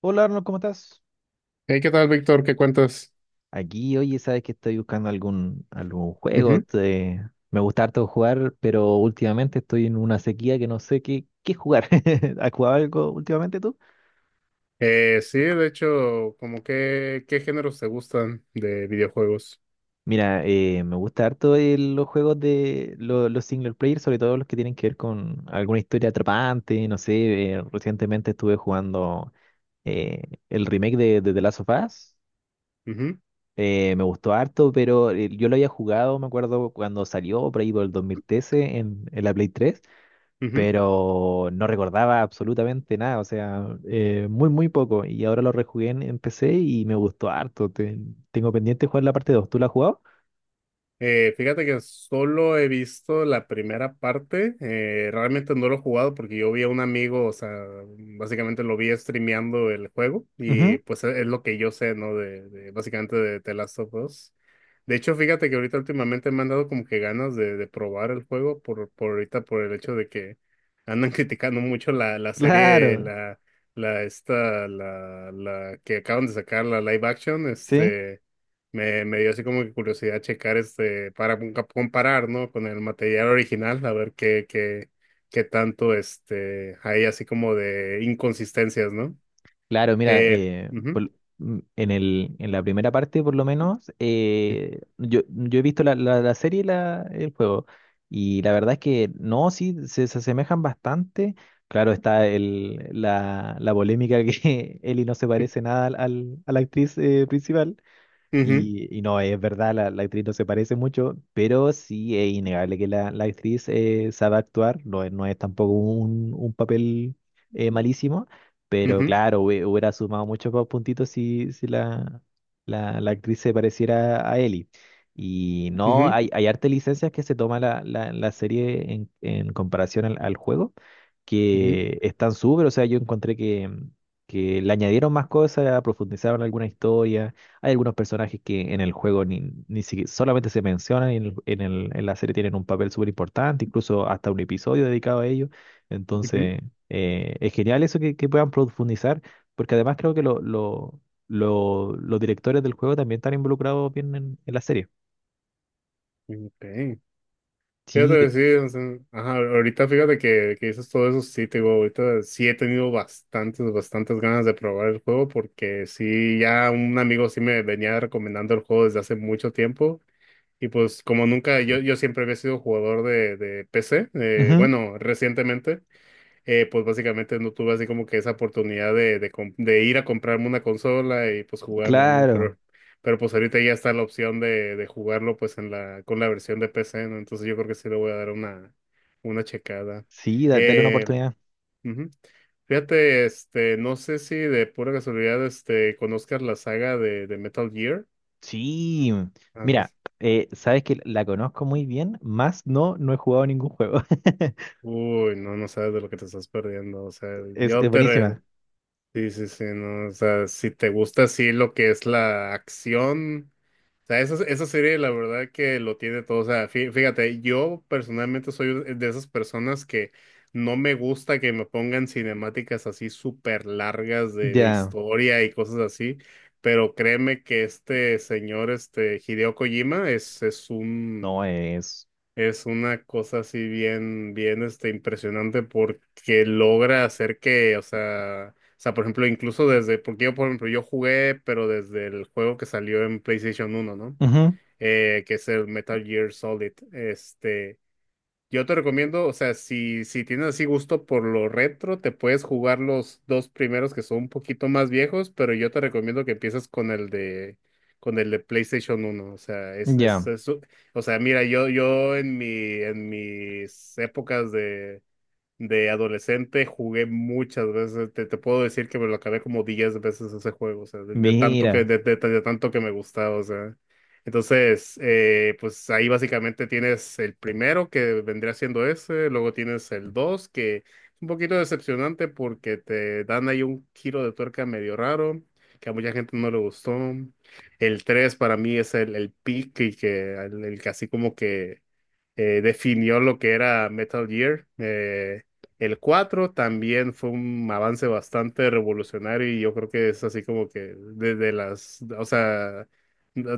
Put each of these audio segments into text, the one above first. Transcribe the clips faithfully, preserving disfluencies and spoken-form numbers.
Hola Arnold, ¿cómo estás? Hey, ¿qué tal, Víctor? ¿Qué cuentas? Aquí, oye, sabes que estoy buscando algún, algún juego. Ujú. te- Me gusta harto jugar, pero últimamente estoy en una sequía que no sé qué, qué jugar. ¿Has jugado algo últimamente tú? Eh, sí, de hecho, como que, ¿qué géneros te gustan de videojuegos? Mira, eh, me gusta harto el- los juegos de lo- los single player, sobre todo los que tienen que ver con alguna historia atrapante. No sé, eh, recientemente estuve jugando eh, el remake de, de The Last of Us. Ujú, Eh, me gustó harto, pero eh, yo lo había jugado, me acuerdo, cuando salió por ahí por el dos mil trece en, en la Play tres, ujú. pero no recordaba absolutamente nada, o sea, eh, muy, muy poco. Y ahora lo rejugué en, en P C y me gustó harto. Te- tengo pendiente jugar la parte dos. ¿Tú la has jugado? Eh, fíjate que solo he visto la primera parte, eh, realmente no lo he jugado porque yo vi a un amigo, o sea, básicamente lo vi streameando el juego y Ujú, pues es es lo que yo sé, ¿no? De, de- básicamente de The Last of Us. De hecho, fíjate que ahorita últimamente me han dado como que ganas de, de probar el juego por, por ahorita por el hecho de que andan criticando mucho la, la serie, claro, la, la esta, la, la que acaban de sacar, la live action, sí. este, me, me dio así como que curiosidad checar este, para compa- comparar, ¿no? Con el material original, a ver qué, qué, qué tanto este, hay así como de inconsistencias, ¿no? Claro, mira, Eh, eh, ujú, por- mm, en el, en la primera parte, por lo menos, eh, yo, yo he visto la, la, la serie y la, el juego, y la verdad es que no, sí, se, se asemejan bastante. Claro, está el, la, la polémica que Ellie no se parece nada al, al- a la actriz, eh, principal. ujú, Y, y no, es verdad, la, la actriz no se parece mucho, pero sí es innegable que la, la actriz, eh, sabe actuar, no, es- no es tampoco un, un papel eh, malísimo, pero ujú, claro, hubie- hubiera sumado muchos más puntitos si, si la, la, la actriz se pareciera a Ellie. Y no, ujú, hay, hay harta licencias que se toma la, la, la serie en, en comparación al, al juego, ujú, que están súper, o sea, yo encontré que, que le añadieron más cosas, profundizaron alguna historia. Hay algunos personajes que en el juego ni, ni siquiera solamente se mencionan y en el- en el- en la serie tienen un papel súper importante, incluso hasta un episodio dedicado a ellos. ujú. Entonces, eh, es genial eso que, que puedan profundizar, porque además creo que lo- lo- lo- los directores del juego también están involucrados bien en, en la serie. Ok. Fíjate Sí, de... que sí, o sea, ajá, ahorita fíjate que, que dices todo eso, sí, te digo, ahorita sí he tenido bastantes, bastantes ganas de probar el juego porque sí, ya un amigo sí me venía recomendando el juego desde hace mucho tiempo y pues como nunca, yo, yo siempre había sido jugador de, de P C, eh, Ujú, bueno, recientemente eh, pues básicamente no tuve así como que esa oportunidad de, de, com- de ir a comprarme una consola y pues jugarlo, ¿no? claro. Pero, pero pues ahorita ya está la opción de, de jugarlo pues en la, con la versión de P C, ¿no? Entonces yo creo que sí le voy a dar una, una checada. Sí, da- dale una Eh, oportunidad. Ujú. Fíjate, este, no sé si de pura casualidad, este, conozcas la saga de, de Metal Gear. Sí, Ajá. mira, eh, sabes que la conozco muy bien, más no, no he jugado ningún juego. Uy, no, no sabes de lo que te estás perdiendo. O sea, Es, yo es te, re- buenísima. sí, sí, sí, no, o sea, si te gusta así lo que es la acción, o sea, esa, esa serie la verdad que lo tiene todo, o sea, fí- fíjate, yo personalmente soy de esas personas que no me gusta que me pongan cinemáticas así súper largas de, de Ya. historia y cosas así, pero créeme que este señor, este Hideo Kojima, es, es No un es. es una cosa así bien, bien, este, impresionante porque logra hacer que, o sea, o sea, por ejemplo, incluso desde, porque yo, por ejemplo, yo jugué, pero desde el juego que salió en PlayStation uno, ¿no? Ujú, Eh, que es el Metal Gear Solid. Este, yo te recomiendo, o sea, si, si tienes así gusto por lo retro, te puedes jugar los dos primeros que son un poquito más viejos, pero yo te recomiendo que empieces con el de, con el de PlayStation uno. O sea, es, es, ya, es- o sea, mira, yo, yo en mi, en mis épocas de de adolescente, jugué muchas veces. Te, te puedo decir que me lo acabé como diez veces ese juego, o sea, de, de tanto que, mira, de, de- de tanto que me gustaba, o sea. Entonces, eh, pues ahí básicamente tienes el primero que vendría siendo ese, luego tienes el dos, que es un poquito decepcionante porque te dan ahí un giro de tuerca medio raro, que a mucha gente no le gustó. El tres para mí es el, el pick y que el, el que así como que eh, definió lo que era Metal Gear. Eh, el cuatro también fue un avance bastante revolucionario y yo creo que es así como que desde las, o sea,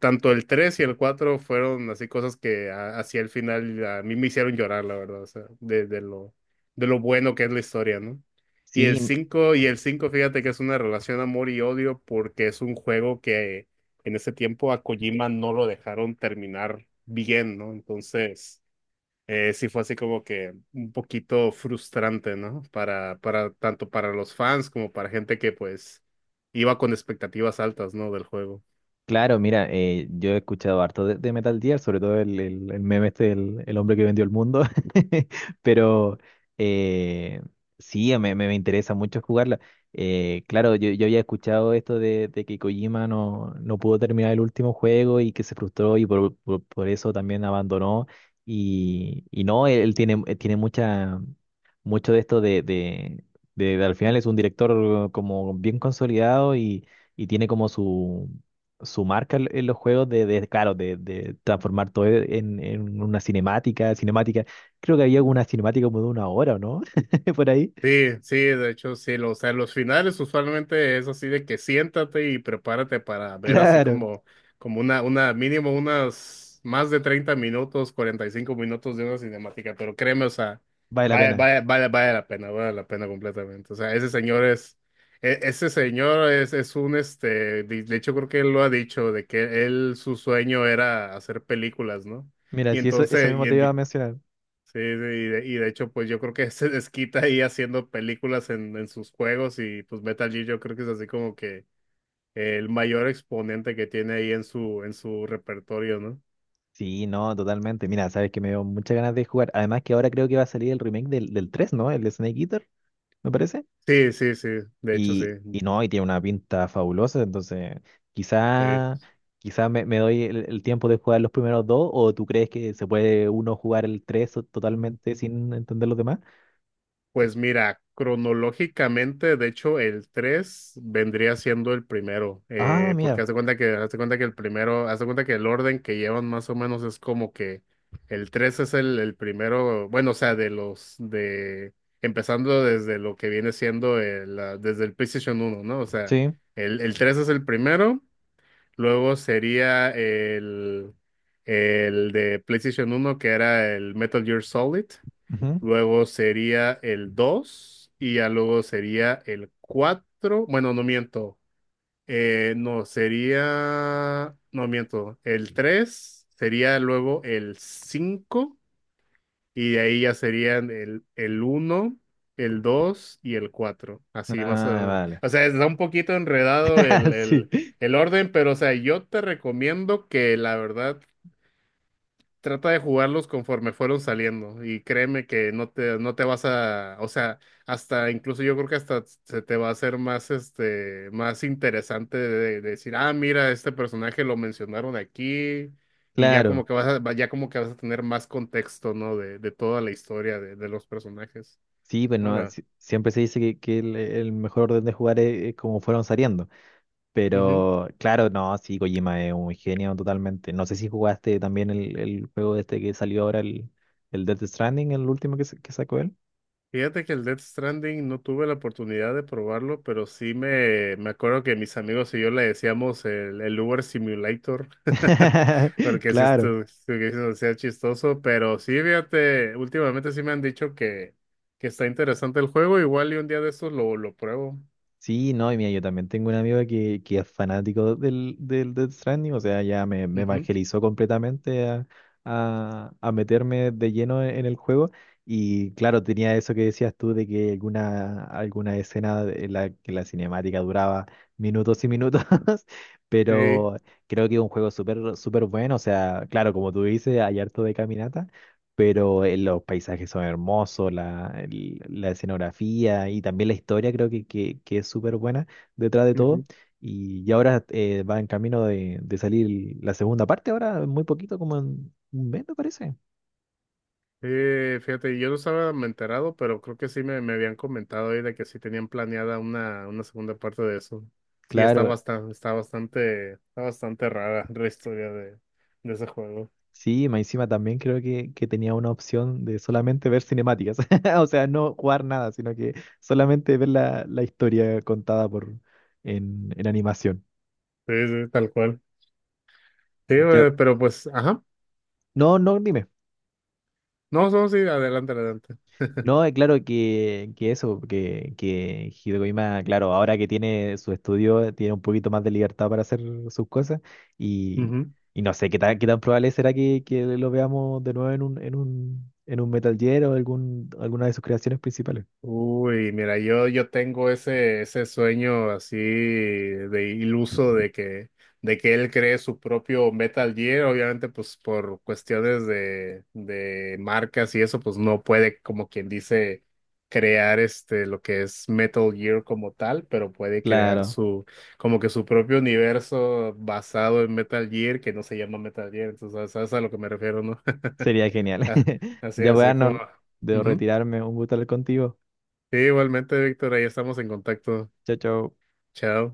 tanto el tres y el cuatro fueron así cosas que a- hacia el final a mí me hicieron llorar, la verdad, o sea, de, de lo, de lo bueno que es la historia, ¿no? Y el sí, cinco y el cinco fíjate que es una relación amor y odio porque es un juego que en ese tiempo a Kojima no lo dejaron terminar bien, ¿no? Entonces, eh, sí fue así como que un poquito frustrante, ¿no? Para, para, tanto para los fans como para gente que pues iba con expectativas altas, ¿no? Del juego. claro, mira, eh, yo he escuchado harto de, de Metal Gear, sobre todo el, el- el meme este, el, el hombre que vendió el mundo, pero eh, sí, me, me, me interesa mucho jugarla. Eh, claro, yo, yo había escuchado esto de, de que Kojima no, no pudo terminar el último juego y que se frustró y por, por- por eso también abandonó. Y, y no, él, él tiene, él tiene mucha, mucho de esto de, de, de, de al final es un director como bien consolidado y y tiene como su, su marca en en los juegos de, de, claro, de, de transformar todo en, en una cinemática, cinemática. Creo que había una cinemática como de una hora, ¿o no? Por ahí. Sí, sí, de hecho sí, lo- o sea, los finales usualmente es así de que siéntate y prepárate para ver así Claro, como, como una, una, mínimo unas más de treinta minutos, cuarenta y cinco minutos de una cinemática, pero créeme, o sea, vale la vale, pena. vale, vale, vale la pena, vale la pena completamente. O sea, ese señor es, e- ese señor es, es un, este, de de hecho creo que él lo ha dicho, de que él, su sueño era hacer películas, ¿no? Mira, Y si eso, eso entonces, mismo y te iba a en- mencionar. sí, sí, y de, y de hecho, pues yo creo que se desquita ahí haciendo películas en, en sus juegos y pues Metal Gear yo creo que es así como que el mayor exponente que tiene ahí en su, en su repertorio, ¿no? Sí, no, totalmente. Mira, sabes que me dio muchas ganas de jugar. Además que ahora creo que va a salir el remake del, del tres, ¿no? El de Snake Eater, me parece. Sí, sí, sí, de hecho sí, Y, y no, y tiene una pinta fabulosa, entonces sí. quizá, quizá me, me doy el, el tiempo de jugar los primeros dos, o tú crees que se puede uno jugar el tres o- totalmente sin entender los demás. Pues mira, cronológicamente, de hecho, el tres vendría siendo el primero, Ah, eh, porque mira, hace cuenta que, hace cuenta que el primero, hace cuenta que el orden que llevan más o menos es como que el tres es el, el primero, bueno, o sea, de los, de, empezando desde lo que viene siendo el, la- desde el PlayStation uno, ¿no? O sea, sí. el, el tres es el primero, luego sería el, el de PlayStation uno que era el Metal Gear Solid. Ujú. Luego sería el dos y ya luego sería el cuatro. Bueno, no miento. Eh, no, sería. No miento. El tres sería luego el cinco y de ahí ya serían el, el uno, el dos y el cuatro. Así más o Ah, menos. vale. O sea, está un poquito enredado el, el, Sí, el orden, pero o sea, yo te recomiendo que la verdad trata de jugarlos conforme fueron saliendo y créeme que no te, no te vas a, o sea, hasta incluso yo creo que hasta se te va a hacer más, este, más interesante de, de decir, ah, mira, este personaje lo mencionaron aquí y ya como claro. que vas a, ya como que vas a tener más contexto, ¿no? De, de toda la historia de, de los personajes. Sí, pero no, Hola. si- siempre se dice que, que el, el mejor orden de jugar es, es como fueron saliendo. Pero claro, no, sí, Kojima es un genio totalmente. No sé si jugaste también el, el juego este que salió ahora, el, el Death Stranding, el último que, sa- que sacó él. Fíjate que el Death Stranding no tuve la oportunidad de probarlo, pero sí me, me acuerdo que mis amigos y yo le decíamos el, el Uber Simulator, porque sí Claro. esto sí que eso sea chistoso, pero sí, fíjate, últimamente sí me han dicho que, que está interesante el juego, igual y un día de estos lo, lo pruebo. Sí, no, y mira, yo también tengo un amigo que, que es fanático del, del Death Stranding, o sea, ya me, me Ujú, evangelizó completamente a, a- a meterme de lleno en el juego. Y claro, tenía eso que decías tú de que alguna, alguna escena en la que la cinemática duraba minutos y minutos, sí. pero creo que es un juego súper súper bueno, o sea, claro, como tú dices, hay harto de caminata pero eh, los paisajes son hermosos, la, el- la escenografía y también la historia creo que, que, que es súper buena detrás de todo. Y, y ahora, eh, va en camino de, de salir la segunda parte, ahora muy poquito, como en un mes me parece. Eh, fíjate, yo no estaba enterado, pero creo que sí me, me habían comentado ahí de que sí tenían planeada una, una segunda parte de eso. Sí, está Claro, bastante, está bastante, está bastante rara la historia de, de ese juego. sí, más encima también creo que, que tenía una opción de solamente ver cinemáticas, o sea, no jugar nada, sino que solamente ver la, la historia contada por en, en animación. Sí, sí, tal cual. Sí, Ya, eh, pero pues, ajá. no, no, dime. No, no, sí, adelante, adelante. No, eh, claro que, que eso, que, que Hideo Kojima, claro, ahora que tiene su estudio, tiene un poquito más de libertad para hacer sus cosas y, y no sé qué tan, qué tan probable será que, que lo veamos de nuevo en un, en un, en un Metal Gear o algún, alguna de sus creaciones principales. Uy, mira, yo, yo tengo ese, ese sueño así de iluso de que, de que él cree su propio Metal Gear. Obviamente, pues por cuestiones de, de marcas y eso, pues no puede, como quien dice, crear este lo que es Metal Gear como tal, pero puede crear Claro, su, como que su propio universo basado en Metal Gear, que no se llama Metal Gear. Entonces, ¿sabes a lo que me refiero, no? sería genial. Así, Ya voy, así como. Arnold, debo Ujú. retirarme, un gusto hablar contigo. Sí, igualmente, Víctor, ahí estamos en contacto. Chao, chao. Chao.